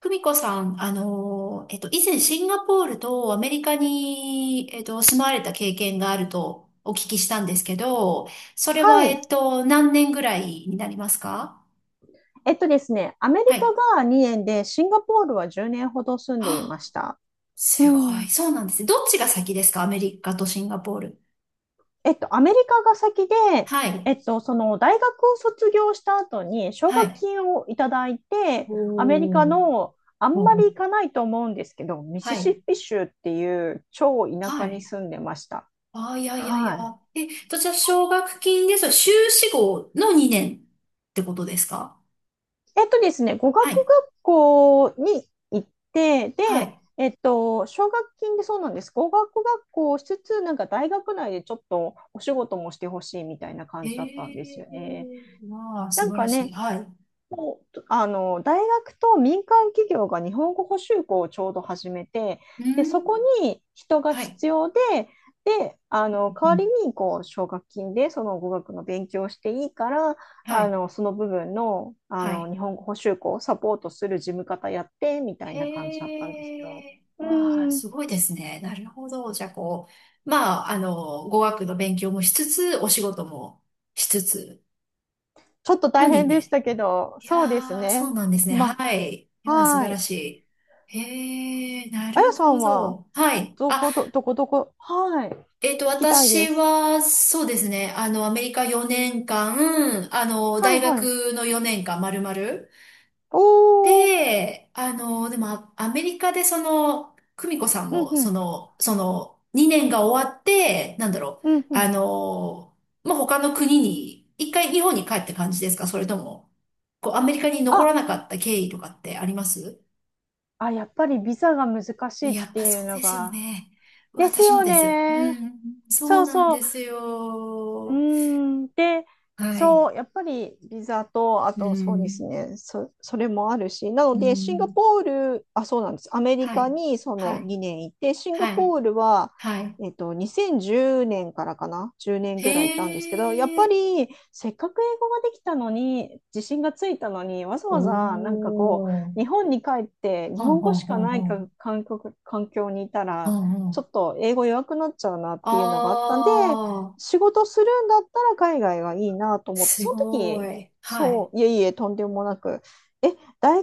久美子さん、以前シンガポールとアメリカに、住まわれた経験があるとお聞きしたんですけど、それはは、い。何年ぐらいになりますか？えっとですね、アメリはい。カが2年で、シンガポールは10年ほど住んでいまあ、した。うすごん。い。そうなんですね。どっちが先ですか、アメリカとシンガポール？アメリカが先で、はい。その大学を卒業した後に奨は学い。金をいただいて、アメリカおー。のあんまおり行ー、かないと思うんですけど、ミはシシい。ッピ州っていう超田は舎にい。住んでました。あー、いやいやいはや。い。え、どちら奨学金です？修士号の2年ってことですか？えっとですね、語は学い。学校に行って、はで、い。奨学金でそうなんです。語学学校をしつつ、なんか大学内でちょっとお仕事もしてほしいみたいなえ感じだったんですえよね。ー、わあ、な素ん晴からしい。ね、はい。あの大学と民間企業が日本語補習校をちょうど始めて、うでそこん。に人がはい。必要で、であのう代わん。りにこう奨学金でその語学の勉強をしていいから、はあい。のその部分の、あはのい。日本語補習校をサポートする事務方やってみたいな感じだったんですへよ。え、うわあ、ん、すごいですね。なるほど。じゃあ、こう、まあ、語学の勉強もしつつ、お仕事もしつつ、ちょっとの大に変でしね。たけど、いやそうですー、そね。うなんですね。まはい。いあ、やー、素は晴らい。しい。へえ、なあやるさほんは、ど。はい。あ、どこどこ、はい。聞きたいで私す。は、そうですね。あの、アメリカ4年間、あの、は大いはい。学の4年間、丸々。おー、で、あの、でも、アメリカでその、久美子さんうんも、うそん、の、その、2年が終わって、なんだろう、うんうあん。の、まあ、他の国に、一回日本に帰って感じですか、それとも、こう、アメリカに残あ、らなかった経緯とかってあります？あ、やっぱりビザが難しいっやってぱいうそうのですよが。ね。です私もよです。うね。ん、そそううなんそう。ですうーよ。ん、で、はい。そう、やっぱりビザと、あうとそうですん。ね、それもあるし、なうので、シンガん。ポール、あ、そうなんです、アメリはカい。にそはのい。2年いて、シンガはい。ポールは、はい。2010年からかな、10年へぐらいいたんですけど、やっぱえ。りせっかく英語ができたのに、自信がついたのに、わざおわざなんかこう、ー。日本に帰って、ほ日ん本語ほんしかほんないほかん。環境、環境にいたほら、んほちょん。っと英語弱くなっちゃうなっていうのがあったんで、あー。仕事するんだったら海外がいいなと思って、すそのご時、い。はそい。う、いえいえ、とんでもなく、え、大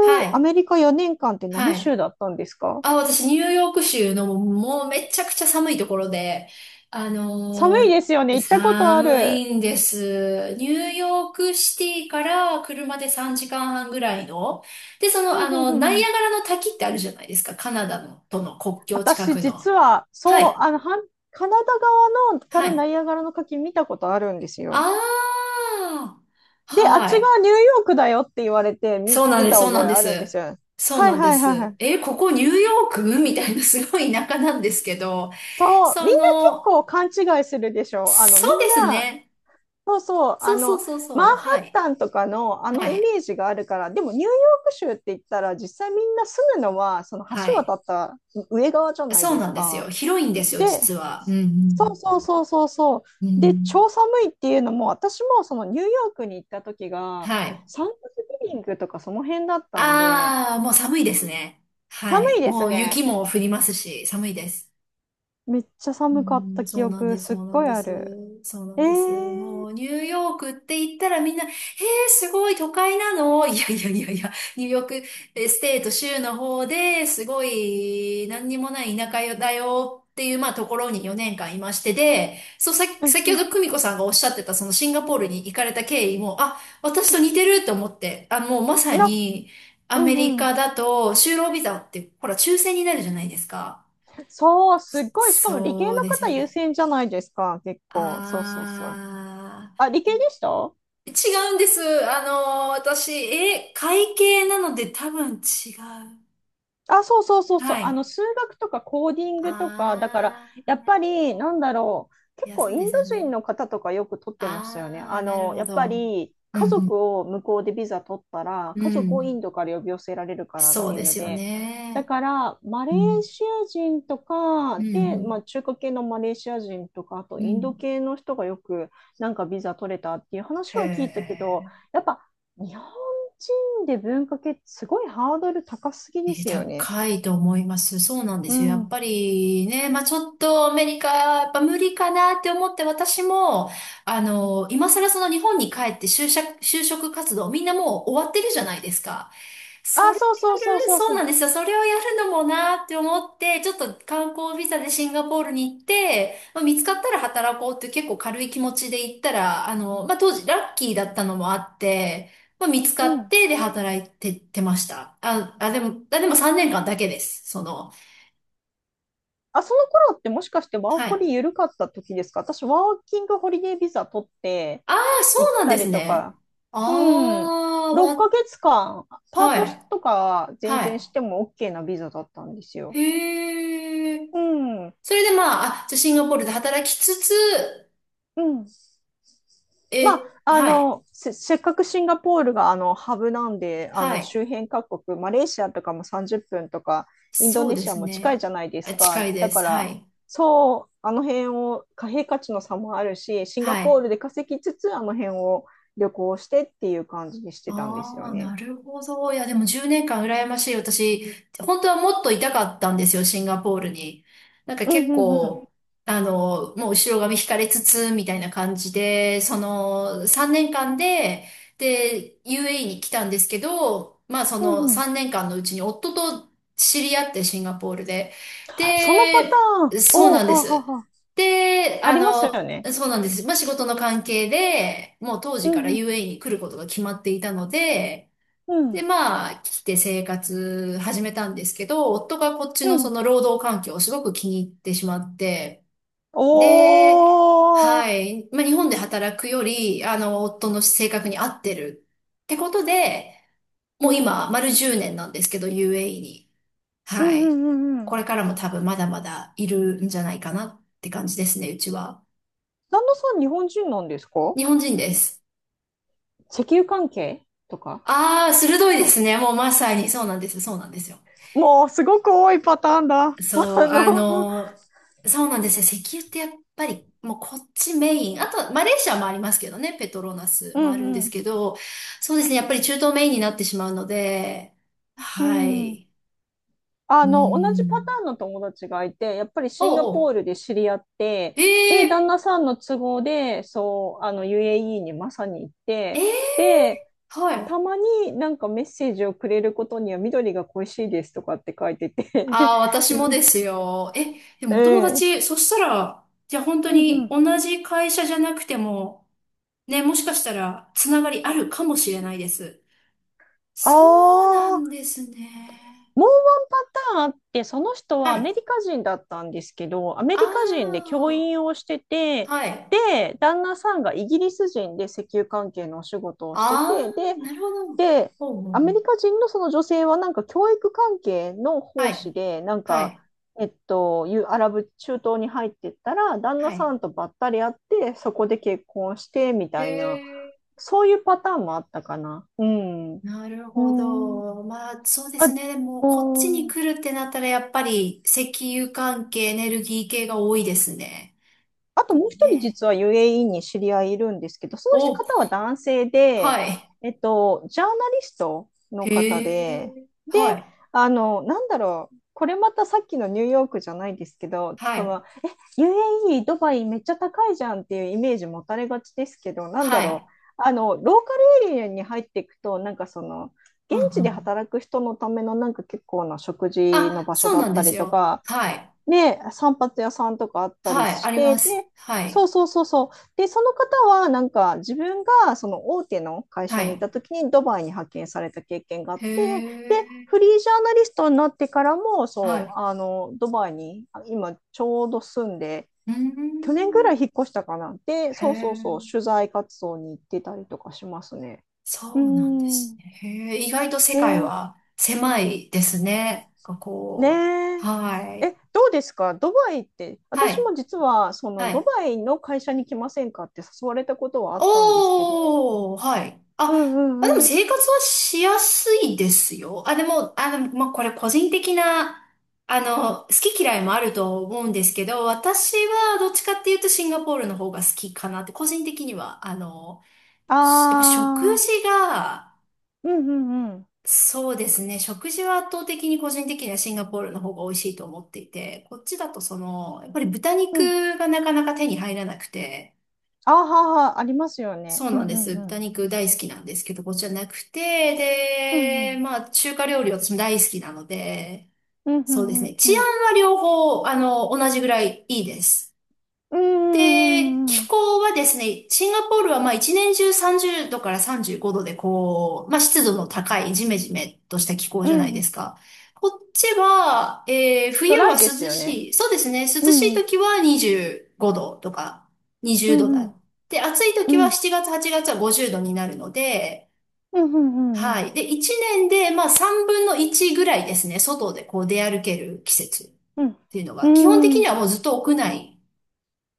はアい。メリカ4年間って何は州い。だったんですか？あ、私、ニューヨーク州のもうめちゃくちゃ寒いところで、あ寒のいでーすよね、行ったことあ寒る。いんです。ニューヨークシティから車で3時間半ぐらいの。で、そふの、あんふんふの、んナふイん。アガラの滝ってあるじゃないですか。カナダのとの国境近私、く実の。は、はそう、い。あの、はんカナダ側のかはらナい。イアガラの滝見たことあるんですよ。ああ。で、あっちはがい。ニューヨークだよって言われてそうなん見です。たそうな覚んえであるんです。すよ。そうはないんではいはいはす。い。え、ここニューヨークみたいなすごい田舎なんですけど、そう、そみんな結の、構勘違いするでしょ。あの、そみうんですな、ね。そうそう、あそうそうの、そうマそう。ンハはッい。タンとかのあのはイい。メージがあるから、でもニューヨーク州って言ったら、実際みんな住むのは、そのは橋い。渡った上側じゃないそうですなんですよ。か。広いんですよ、で、実は。うそうん、そうそうそうそうん。うう。で、ん。超寒いっていうのも、私もそのニューヨークに行った時が、はい。サンクスギビングとかその辺だったんで、ああ、もう寒いですね。寒はい。いでもすうね。雪も降りますし、寒いです。めっちゃ寒かっうたん、記そうなん憶、です、すそっうなんごいであす、る。そうなえんです。もー、うニューヨークって言ったらみんな、えー、すごい都会なの、いやいやいやいや、ニューヨーク、え、ステート州の方ですごい何にもない田舎だよっていう、まあところに4年間いましてで、そうさ、うん先うほどん。久美子さんがおっしゃってたそのシンガポールに行かれた経緯も、あ、私と似てると思って、あ、もうまさな、にアうんメリうん。カだと就労ビザってほら抽選になるじゃないですか。そう、すっごい。しかも理系そのうです方よ優ね。先じゃないですか、結構。そうそうそう。ああ、理系でした？ー、違うんです。あの、私、え、会計なので多分違う。あ、そうそうそうそう。はあい。の、数学とかコーディングとか、だから、あやー、っなるぱほり、など。んだろう。い結や、構、そうインでドすよ人ね。の方とかよく取ってましたよね。あー、あなるの、ほやっぱど。り、う家ん、族を向こうでビザ取ったら、うん、家う族をイん。ンドから呼び寄せられるからっそうていうでのすよで、だね。から、マレうーん、シア人とか、うん、うで、まあ、ん。中華系のマレーシア人とか、あと、うインドん、系の人がよく、なんかビザ取れたっていう話へは聞いたけど、え。やっぱ、日本人で文化系ってすごいハードル高すぎえでー、すよね。高いと思います。そうなんでうすよ。やっん。ぱりね、まあちょっとアメリカ、やっぱ無理かなって思って私も、あの、今更その日本に帰って就職、就職活動、みんなもう終わってるじゃないですか。そあ、れをやそうそうそうる、そうそうなそんですよ。それをやるのもなって思って、ちょっと観光ビザでシンガポールに行って、まあ、見つかったら働こうっていう結構軽い気持ちで行ったら、あの、まあ当時ラッキーだったのもあって、まあ、見つう。かうっん。て、で、働いて、てました。あ、あ、でも、あ、でも3年間だけです。その、あ、その頃ってもしかしてワーはホい。リ緩かった時ですか？私、ワーキングホリデービザ取ってああ、そ行っうなんたですりとね。か。あうん。あ、6わ、ヶ月間、パーはトい。とか全然しはても OK なビザだったんですい。よ。へえ。うん。それでまあ、あ、じゃあシンガポールで働きつつ、うん。まえ、あ、あはい。の、せっかくシンガポールがあのハブなんで、あはのい。周辺各国、マレーシアとかも30分とか、インドそうネでシアすも近いね。じゃないであ、す近か。いでだかす。はら、い。そう、あの辺を貨幣価値の差もあるし、シンガはポーい。ルで稼ぎつつ、あの辺を旅行してっていう感じにしてたんですあよあ、なね。るほど。いや、でも10年間羨ましい。私、本当はもっといたかったんですよ、シンガポールに。なんかうん結うんうん。構、あの、もう後ろ髪引かれつつ、みたいな感じで、その3年間で、で、UAE に来たんですけど、まあそうんのうん。3年間のうちに夫と知り合って、シンガポールで。そのパタで、ーン、そうおお、なんはであはす。あはあ、で、あありますよの、ね。そうなんです。まあ、仕事の関係で、もう当う時かんら うん UAE に来ることが決まっていたので、うで、んまあ、来て生活始めたんですけど、夫がこっちうのそん。の労働環境をすごく気に入ってしまって、おで、はお、い、まあ、日本で働くより、あの、夫の性格に合ってるってことで、うもうん今、丸10年なんですけど、UAE に。うはんうんい。うんうこん。れからも多分まだまだいるんじゃないかなって感じですね、うちは。旦那さん日本人なんですか？日本人です。石油関係とか？ああ、鋭いですね。もうまさに。そうなんですよ。もうすごく多いパターンだ。あそう、の、そうなんですよ。石油ってやっぱり、もうこっちメイン。あと、マレーシアもありますけどね。ペトロナスうもあるんでんうすん。けど、そうですね。やっぱり中東メインになってしまうので、うはん。い。うあーの、同じパタん。ーンの友達がいて、やっぱりシンガおうおポールう。で知り合って、で、旦ええ、那さんの都合で、そう、あの、UAE にまさに行っえて、え、で、はい。たまになんかメッセージをくれることには緑が恋しいですとかって書いてて ああ、私もですよ。え、でもお友達、そしたら、じゃあ本当うんうん。うにん同じ会社じゃなくても、ね、もしかしたら、つながりあるかもしれないです。あそうなんあ。ですね。もうワンパターンあって、その人ははアメい。リカ人だったんですけど、アメあリカ人で教員をしてて、あ、はい。で、旦那さんがイギリス人で石油関係のお仕事をしてあて、あ、で、なるほど。で、ほうほうほアう。メリカ人のその女性はなんか教育関係のは奉い。仕で、なんはか、い。いうアラブ中東に入ってったら、旦は那さい。んとばったり会って、そこで結婚してみへたいな、え、そういうパターンもあったかな。うん。なるうほん。ど。まあ、そうであ、すね。でも、こっちにほー、来るってなったら、やっぱり、石油関係、エネルギー系が多いですね。あともう一人ね。実は UAE に知り合いいるんですけど、そのお、方は男性で、はい。ジャーナリストのへ方で、え、で、はい。あの、なんだろう、これまたさっきのニューヨークじゃないですけど、はこい。の UAE、ドバイめっちゃ高いじゃんっていうイメージ持たれがちですけど、なんだはろい。う、あの、ローカルエリアに入っていくと、なんかその、う現んう地でん、働く人のためのなんか結構な食事のあ、場所そうだなっんでたすりとよ。か、はい。で、散髪屋さんとかあったりはい。あしりて、まで、す。はそい。うそうそうそう。で、その方は、なんか、自分が、その大手の会は社にいい。た時に、ドバイに派遣された経験があっへて、で、フえ。リージャーナリストになってからも、はそい。う、あの、ドバイに、あ今、ちょうど住んで、うー去年ぐらん。い引っ越したかな。で、へそうそうそえ。う、取材活動に行ってたりとかしますね。うそーうなんですん。ね。へえ。意外と世え界ーは狭いですね。なんかこねう。え。はい。え、どうですかドバイって？は私い。も実は、そはの、ドい。バイの会社に来ませんかって誘われたことはあったんですけど、おー、はい。あ、うんうまあ、でもんうん。生活はしやすいですよ。あ、でも、あの、まあ、これ個人的な、あの、好き嫌いもあると思うんですけど、私はどっちかっていうとシンガポールの方が好きかなって、個人的には、あの、しやっぱ食ああ、事が、うんうんうん。そうですね、食事は圧倒的に個人的にはシンガポールの方が美味しいと思っていて、こっちだとその、やっぱり豚うん。肉がなかなか手に入らなくて、あーはーはー、ありますよね。そううなんんでうす。んうん。豚肉大好きなんですけど、こっちはなくて、うんうで、ん。まあ、中華料理は私も大好きなので、うんうそうですんうね。んう治安ん。は両方、あの、同じぐらいいいです。うんで、うんう気ん候はですね、シンガポールはまあ一年中30度から35度でこう、まあ湿度の高いジメジメとした気候うじゃないん。うでん。すか。こっちは、ド冬ラは涼イですよね。しい。そうですね、涼うしいん。時は25度とかう20度んうだ。ん。で、暑いう時はん。7月、8月は50度になるので、うんうんうんうはん。い。で、一年でまあ3分の1ぐらいですね、外でこう出歩ける季節っうん。ていうのが、基本的うにん。はもうずっと屋内。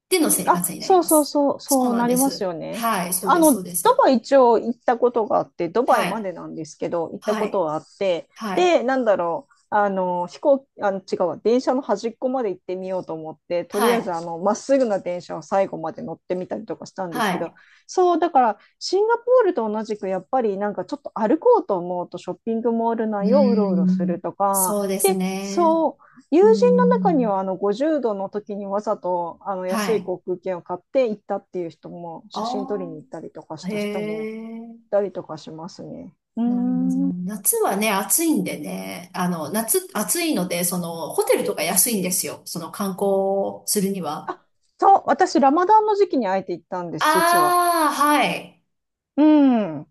での生活あ、になりそうまそうす。そう、そうそうなんなでりますす。よね。はい、あの、そうでドす。バイ一応行ったことがあって、ドバイはまい、でなんですけど、行ったはことい、はあって、はい、で、なんだろう、あの、あの、違うわ、電車の端っこまで行ってみようと思って、とはりあえず、い、あの、まっすぐな電車を最後まで乗ってみたりとかしたんですはけど、い。そう、だから、シンガポールと同じく、やっぱり、なんかちょっと歩こうと思うと、ショッピングモールうー内をうろうろすん、るとか、そうですで、ね。そう、うー友人の中にはん、あの50度の時にわざとあのは安いい。航空券を買って行ったっていう人も写真撮りあに行ったりとかしあ、へた人もえ。いたりとかしますね。うーなるほど。ん。夏はね、暑いんでね、あの、夏、暑いので、その、ホテルとか安いんですよ。その観光するには。あそう、私ラマダンの時期にあえて行ったんです、実は。ああ、はい。うん、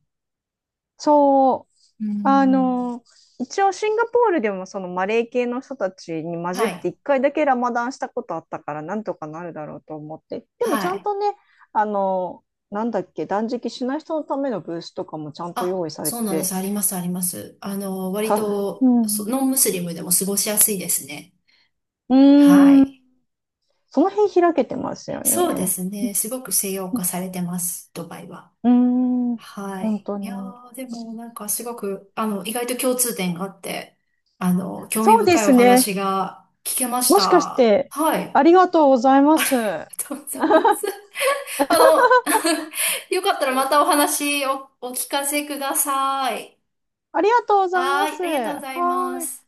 そう。うーあん、の、一応シンガポールでもそのマレー系の人たちに混じはってい、一回だけラマダンしたことあったからなんとかなるだろうと思って。でもちはゃんい。とね、あの、なんだっけ、断食しない人のためのブースとかもちゃんとあ、用意されそうてなんでて、す。あります。あの、割さ、うと、そ、ん。ノンムスリムでも過ごしやすいですね。うはーん。い。その辺開けてますよそうでね。すね。すごく西洋う化されてます、ドバイは。んうーん。は本い。当いやに。ー、でもなんかすごく、あの、意外と共通点があって、あの、興味そうで深いおすね。話が聞けましもしかした。て、はい。あありりがとうございます。があとうございます。あの、よかったらまたお話をお聞かせください。りがとうございはまい。あす。りがとうごはざいまーい。す。